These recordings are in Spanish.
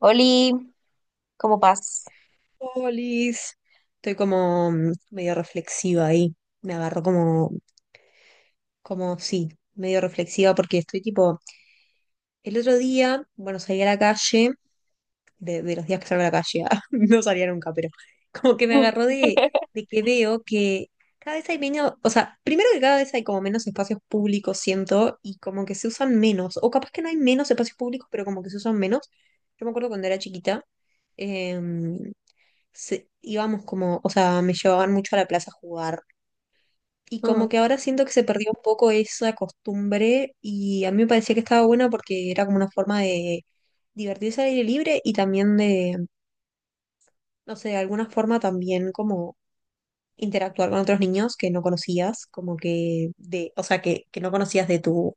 Oli, ¿cómo vas? Polis. Estoy como medio reflexiva ahí. Me agarró como sí, medio reflexiva porque estoy tipo, el otro día, bueno, salí a la calle, de los días que salgo a la calle, ah, no salía nunca, pero como que me agarró de que veo que cada vez hay menos, o sea, primero que cada vez hay como menos espacios públicos, siento, y como que se usan menos, o capaz que no hay menos espacios públicos, pero como que se usan menos. Yo me acuerdo cuando era chiquita. em, Íbamos como, o sea, me llevaban mucho a la plaza a jugar. Y como Mm, que ahora siento que se perdió un poco esa costumbre y a mí me parecía que estaba buena porque era como una forma de divertirse al aire libre y también de, no sé, de alguna forma también como interactuar con otros niños que no conocías, como que de, o sea, que no conocías de tu,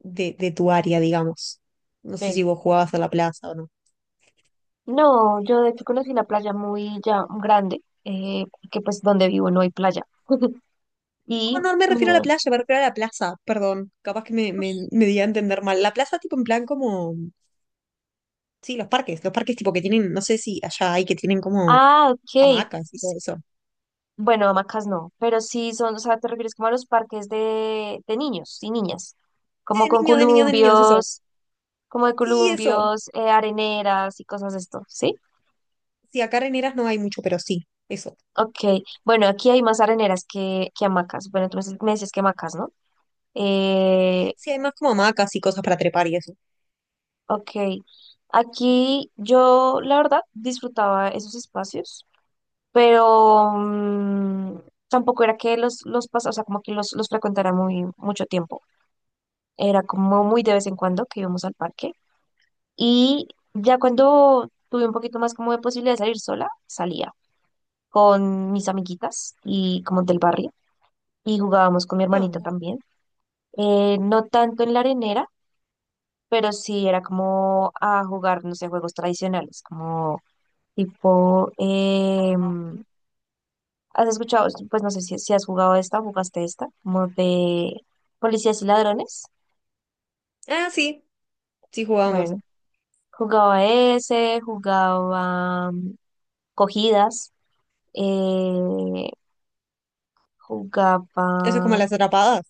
de tu área, digamos. No sé si sí. vos jugabas a la plaza o no. No, yo de hecho conocí una playa muy ya grande, que pues donde vivo no hay playa. No, Y, no me refiero a la mm, playa, me refiero a la plaza, perdón. Capaz que me di a entender mal. La plaza, tipo, en plan como. Sí, los parques tipo que tienen, no sé si allá hay que tienen como ok. hamacas y pues, todo eso. Bueno, hamacas no, pero sí son, o sea, te refieres como a los parques de niños y niñas, Sí, como de con niños, de niños, de niños, eso. columpios, como de Sí, eso. columpios, areneras y cosas de esto, ¿sí? Sí, acá en Heras no hay mucho, pero sí, eso. Ok, bueno, aquí hay más areneras que hamacas. Bueno, entonces me decías que hamacas, ¿no? Eh, Sí, hay más como hamacas y cosas para trepar y eso. Ok, aquí yo la verdad disfrutaba esos espacios, pero tampoco era que o sea, como que los frecuentara muy mucho tiempo. Era como muy de vez en cuando que íbamos al parque. Y ya cuando tuve un poquito más como de posibilidad de salir sola, salía con mis amiguitas y como del barrio y jugábamos con mi hermanito No. también. No tanto en la arenera, pero sí era como a jugar, no sé, juegos tradicionales, como Tipo, eh, ¿has escuchado? Pues no sé si has jugado esta o jugaste esta, como de policías y ladrones. Ah, sí, sí jugábamos. Bueno, jugaba ese, jugaba cogidas, eh, jugaba. Eso es como las atrapadas.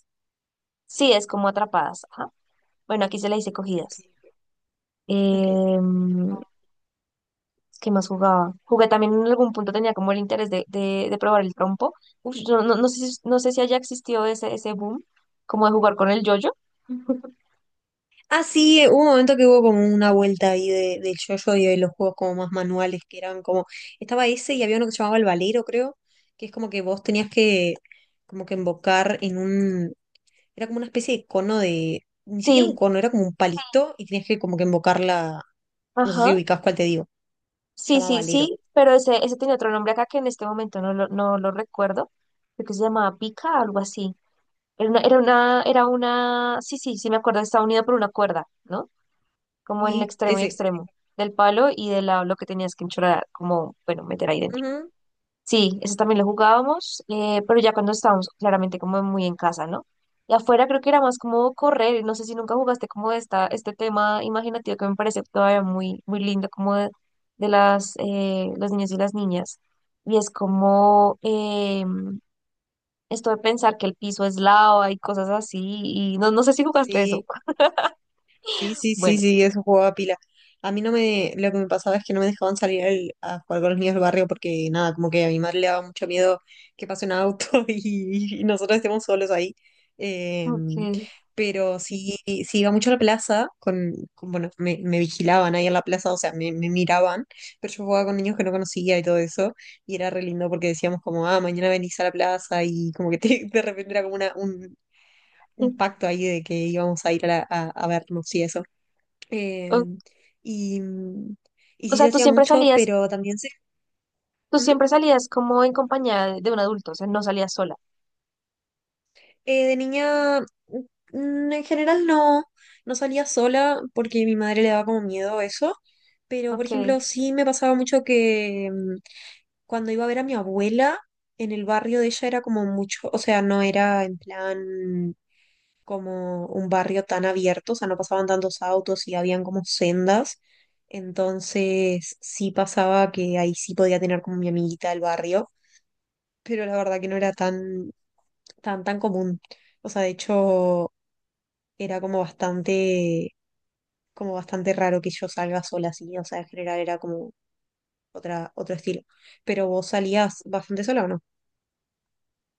Sí, es como atrapadas. Ajá. Bueno, aquí se le dice Ok, cogidas. ok. Em, ¿Qué más jugaba? Jugué también en algún punto, tenía como el interés de probar el trompo. Uf, yo no, no sé si, no sé si haya existido ese boom, como de jugar con el yoyo. Ah, sí, hubo un momento que hubo como una vuelta ahí del yo-yo y de los juegos como más manuales que eran como. Estaba ese y había uno que se llamaba el valero, creo, que es como que vos tenías que como que embocar en un. Era como una especie de cono de, ni siquiera un Sí, cono, era como un palito y tenías que como que invocarla, no sé ajá. si ubicás cuál te digo, se Sí, llama sí, Valero. sí, pero ese tenía otro nombre acá que en este momento no lo recuerdo, creo que se llamaba pica, algo así. Era una, sí, sí, sí me acuerdo, estaba unido por una cuerda, ¿no? Como en el Sí, extremo y ese. extremo del palo y de la, lo que tenías que enchorar, como, bueno, meter ahí dentro. Ujú. Sí, eso también lo jugábamos, pero ya cuando estábamos claramente como muy en casa, ¿no? Y afuera creo que era más como correr, no sé si nunca jugaste como este tema imaginativo que me parece todavía muy, muy lindo, como de, los niños y las niñas. Y es como esto de pensar que el piso es lava y cosas así, y no, no sé si jugaste eso. Sí. Sí, sí, sí, Bueno, sí, eso jugaba pila. A mí no me, lo que me pasaba es que no me dejaban salir a jugar con los niños del barrio porque nada, como que a mi madre le daba mucho miedo que pase un auto y nosotros estemos solos ahí. Eh, ok. pero sí, sí iba mucho a la plaza, bueno, me vigilaban ahí en la plaza, o sea, me miraban, pero yo jugaba con niños que no conocía y todo eso, y era re lindo porque decíamos como, ah, mañana venís a la plaza y como que de repente era como un pacto ahí de que íbamos a ir a vernos y eso. Eh, O, y, mm, y o sí sea, se hacía mucho, pero también se... tú Ujú. siempre salías como en compañía de un adulto, o sea, no salías sola. De niña, en general no salía sola porque mi madre le daba como miedo eso. Pero, por Ok. ejemplo, sí me pasaba mucho que cuando iba a ver a mi abuela en el barrio de ella era como mucho, o sea, no era en plan como un barrio tan abierto, o sea, no pasaban tantos autos y habían como sendas. Entonces sí pasaba que ahí sí podía tener como mi amiguita del barrio, pero la verdad que no era tan, tan, tan común. O sea, de hecho, era como bastante raro que yo salga sola así. O sea, en general era como otro estilo. Pero vos salías bastante sola, ¿o no?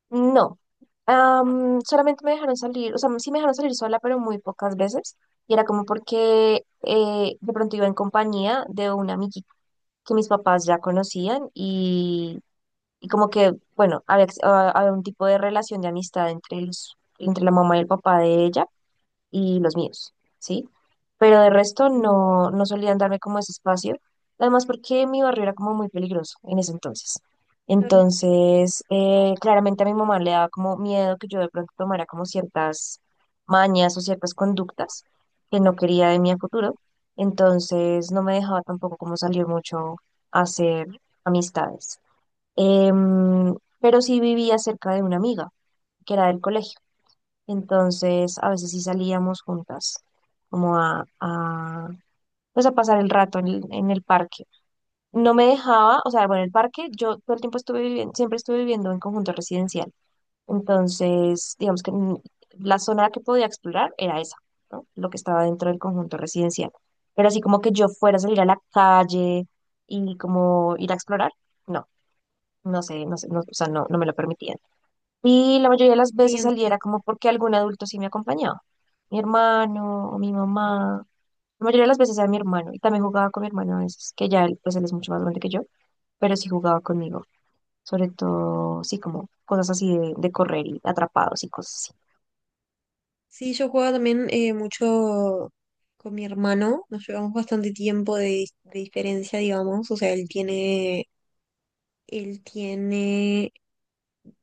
No, Am, solamente me dejaron salir, o sea, sí me dejaron salir sola, pero muy pocas veces. Y era como porque de pronto iba en compañía de una amiguita que mis papás ya conocían y como que, bueno, había un tipo de relación de amistad entre los, entre la mamá y el papá de ella y los míos, ¿sí? Pero de resto Mm. no, no solían darme como ese espacio, además porque mi barrio era como muy peligroso en ese entonces. Claro, Entonces, claramente a mi mamá le daba como miedo que yo de pronto tomara como ciertas mañas o ciertas conductas que no quería de mí a futuro. Entonces, no me dejaba tampoco como salir mucho a hacer amistades. Em, pero sí vivía cerca de una amiga que era del colegio. Entonces, a veces sí salíamos juntas, como pues a pasar el rato en en el parque. No me dejaba, o sea, bueno, el parque, yo todo el tiempo estuve viviendo, siempre estuve viviendo en conjunto residencial. Entonces, digamos que la zona que podía explorar era esa, ¿no? Lo que estaba dentro del conjunto residencial. Pero así como que yo fuera a salir a la calle y como ir a explorar, no, no sé, no sé, no, o sea, no, no me lo permitían. Y la mayoría de las sí, veces salía era entiendo. como porque algún adulto sí me acompañaba. Mi hermano o mi mamá. La mayoría de las veces era mi hermano. Y también jugaba con mi hermano a veces, que ya él, pues él es mucho más grande que yo, pero sí jugaba conmigo. Sobre todo, sí, como cosas así de correr y atrapados y cosas Sí, yo jugaba también mucho con mi hermano, nos llevamos bastante tiempo de diferencia, digamos, o sea, él tiene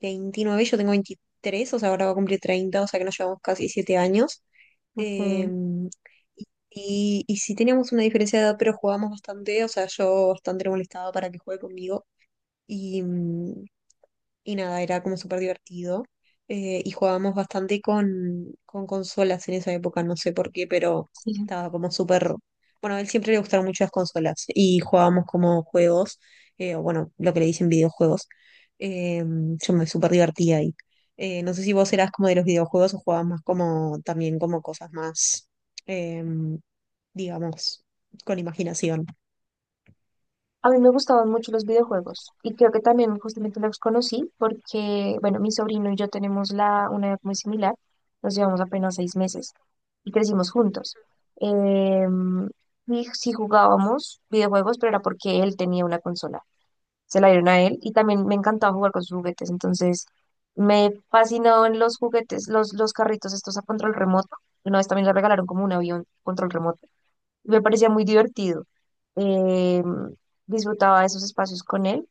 29, yo tengo 23, o sea, ahora va a cumplir 30, o sea que nos llevamos casi 7 años. así. Ok, Em, y sí teníamos una diferencia de edad, pero jugábamos bastante, o sea, yo bastante le molestaba para que juegue conmigo. Y, mm, y nada, era como súper divertido. Y jugábamos bastante con consolas en esa época, no sé por qué, pero sí, estaba como súper... Bueno, a él siempre le gustaron mucho las consolas y jugábamos como juegos, o bueno, lo que le dicen videojuegos. Eh, yo me súper divertía ahí. No sé si vos eras como de los videojuegos o jugabas más como también como cosas más, eh, digamos, con imaginación. a mí me gustaban mucho los videojuegos y creo que también justamente los conocí porque, bueno, mi sobrino y yo tenemos una edad muy similar, nos llevamos apenas 6 meses y crecimos juntos. Em, y sí jugábamos videojuegos, pero era porque él tenía una consola, se la dieron a él y también me encantaba jugar con sus juguetes, entonces me fascinaban los juguetes, los carritos estos a control remoto. Una vez también le regalaron como un avión control remoto. Me parecía muy divertido. Eh, disfrutaba de esos espacios con él.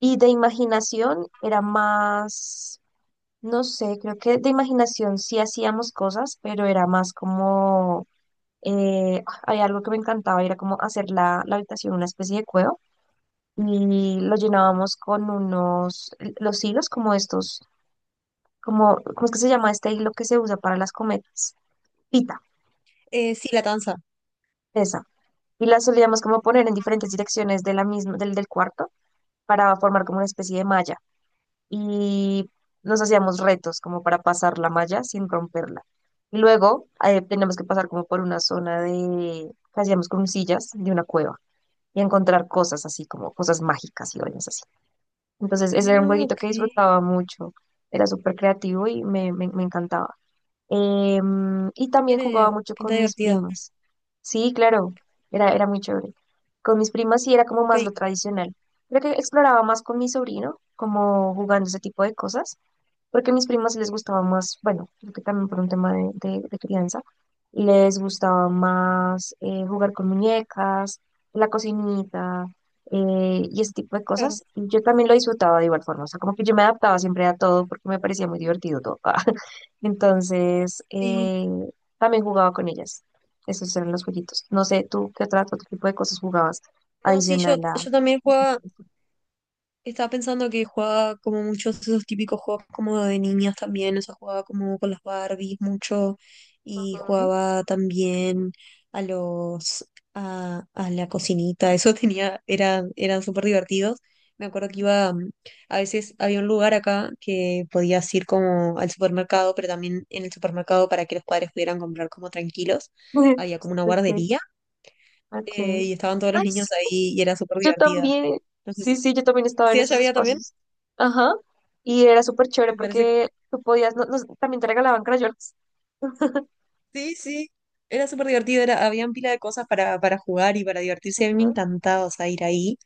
Y de imaginación era más, no sé, creo que de imaginación sí hacíamos cosas, pero era más como, había algo que me encantaba, era como hacer la habitación una especie de cueva y lo llenábamos con unos, los hilos como estos, como, ¿cómo es que se llama este hilo que se usa para las cometas? Pita, Sí, la danza. esa. Y la solíamos como poner en diferentes direcciones de la misma, del cuarto para formar como una especie de malla y nos hacíamos retos como para pasar la malla sin romperla. Y luego teníamos que pasar como por una zona de, que hacíamos con sillas de una cueva y encontrar cosas así como cosas mágicas y vainas así. Entonces ese era un Ah, jueguito ok. que disfrutaba mucho, era súper creativo y me encantaba. Y también Tiene jugaba mucho pinta con mis divertida. primas. Sí, claro, era muy chévere. Con mis primas sí era como Ok, más lo tradicional. Creo que exploraba más con mi sobrino, como jugando ese tipo de cosas porque a mis primas les gustaba más, bueno, creo que también por un tema de, de crianza, les gustaba más jugar con muñecas, la cocinita y ese tipo de claro. cosas. Y yo también lo disfrutaba de igual forma, o sea, como que yo me adaptaba siempre a todo porque me parecía muy divertido todo. Entonces, Sí, también jugaba con ellas. Esos eran los jueguitos. No sé, tú qué otro, otro tipo de cosas jugabas no, sí, yo, adicional a... yo también jugaba, estaba pensando que jugaba como muchos de esos típicos juegos como de niñas también, o sea, jugaba como con las Barbies mucho y Ujú. jugaba también a los, a la cocinita, eso eran súper divertidos. Me acuerdo que a veces había un lugar acá que podías ir como al supermercado, pero también en el supermercado para que los padres pudieran comprar como tranquilos, había como una Ok, guardería, ok. Y estaban todos los Ay, niños sí, ahí y era súper yo divertida. también, No sé sí, si. sí, yo también estaba en ¿Sí allá esos había también? espacios. Ajá. Y era súper chévere Me parece que porque tú podías, también te regalaban crayolas. sí, sí. Era súper divertido, habían pila de cosas para jugar y para divertirse. A mí me Ajá. encantaba, o sea, ir ahí.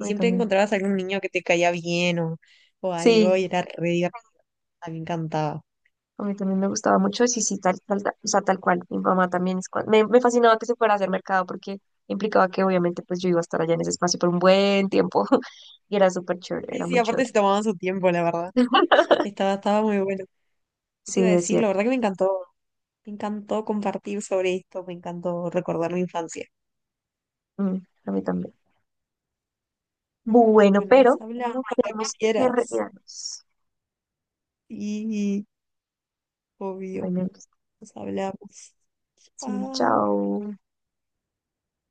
A mí siempre también. encontrabas algún niño que te caía bien o algo Sí, y era re divertido. A mí me encantaba. a mí también me gustaba mucho. Sí, sí, tal, tal, tal, o sea, tal cual. Mi mamá también es cual- Me fascinaba que se fuera a hacer mercado porque implicaba que obviamente pues yo iba a estar allá en ese espacio por un buen tiempo. Y era súper chévere, Sí, era sí, muy aparte chévere. se tomaban su tiempo, la verdad. Estaba muy bueno. ¿Qué Sí, te iba a es decir? La cierto. verdad que me encantó. Me encantó compartir sobre esto. Me encantó recordar mi infancia. Mm, a mí también. Bueno, Bueno, pero nos hablamos cuando tenemos que quieras. retirarnos. Y obvio, Bueno, nos hablamos. sí, Chao. chao.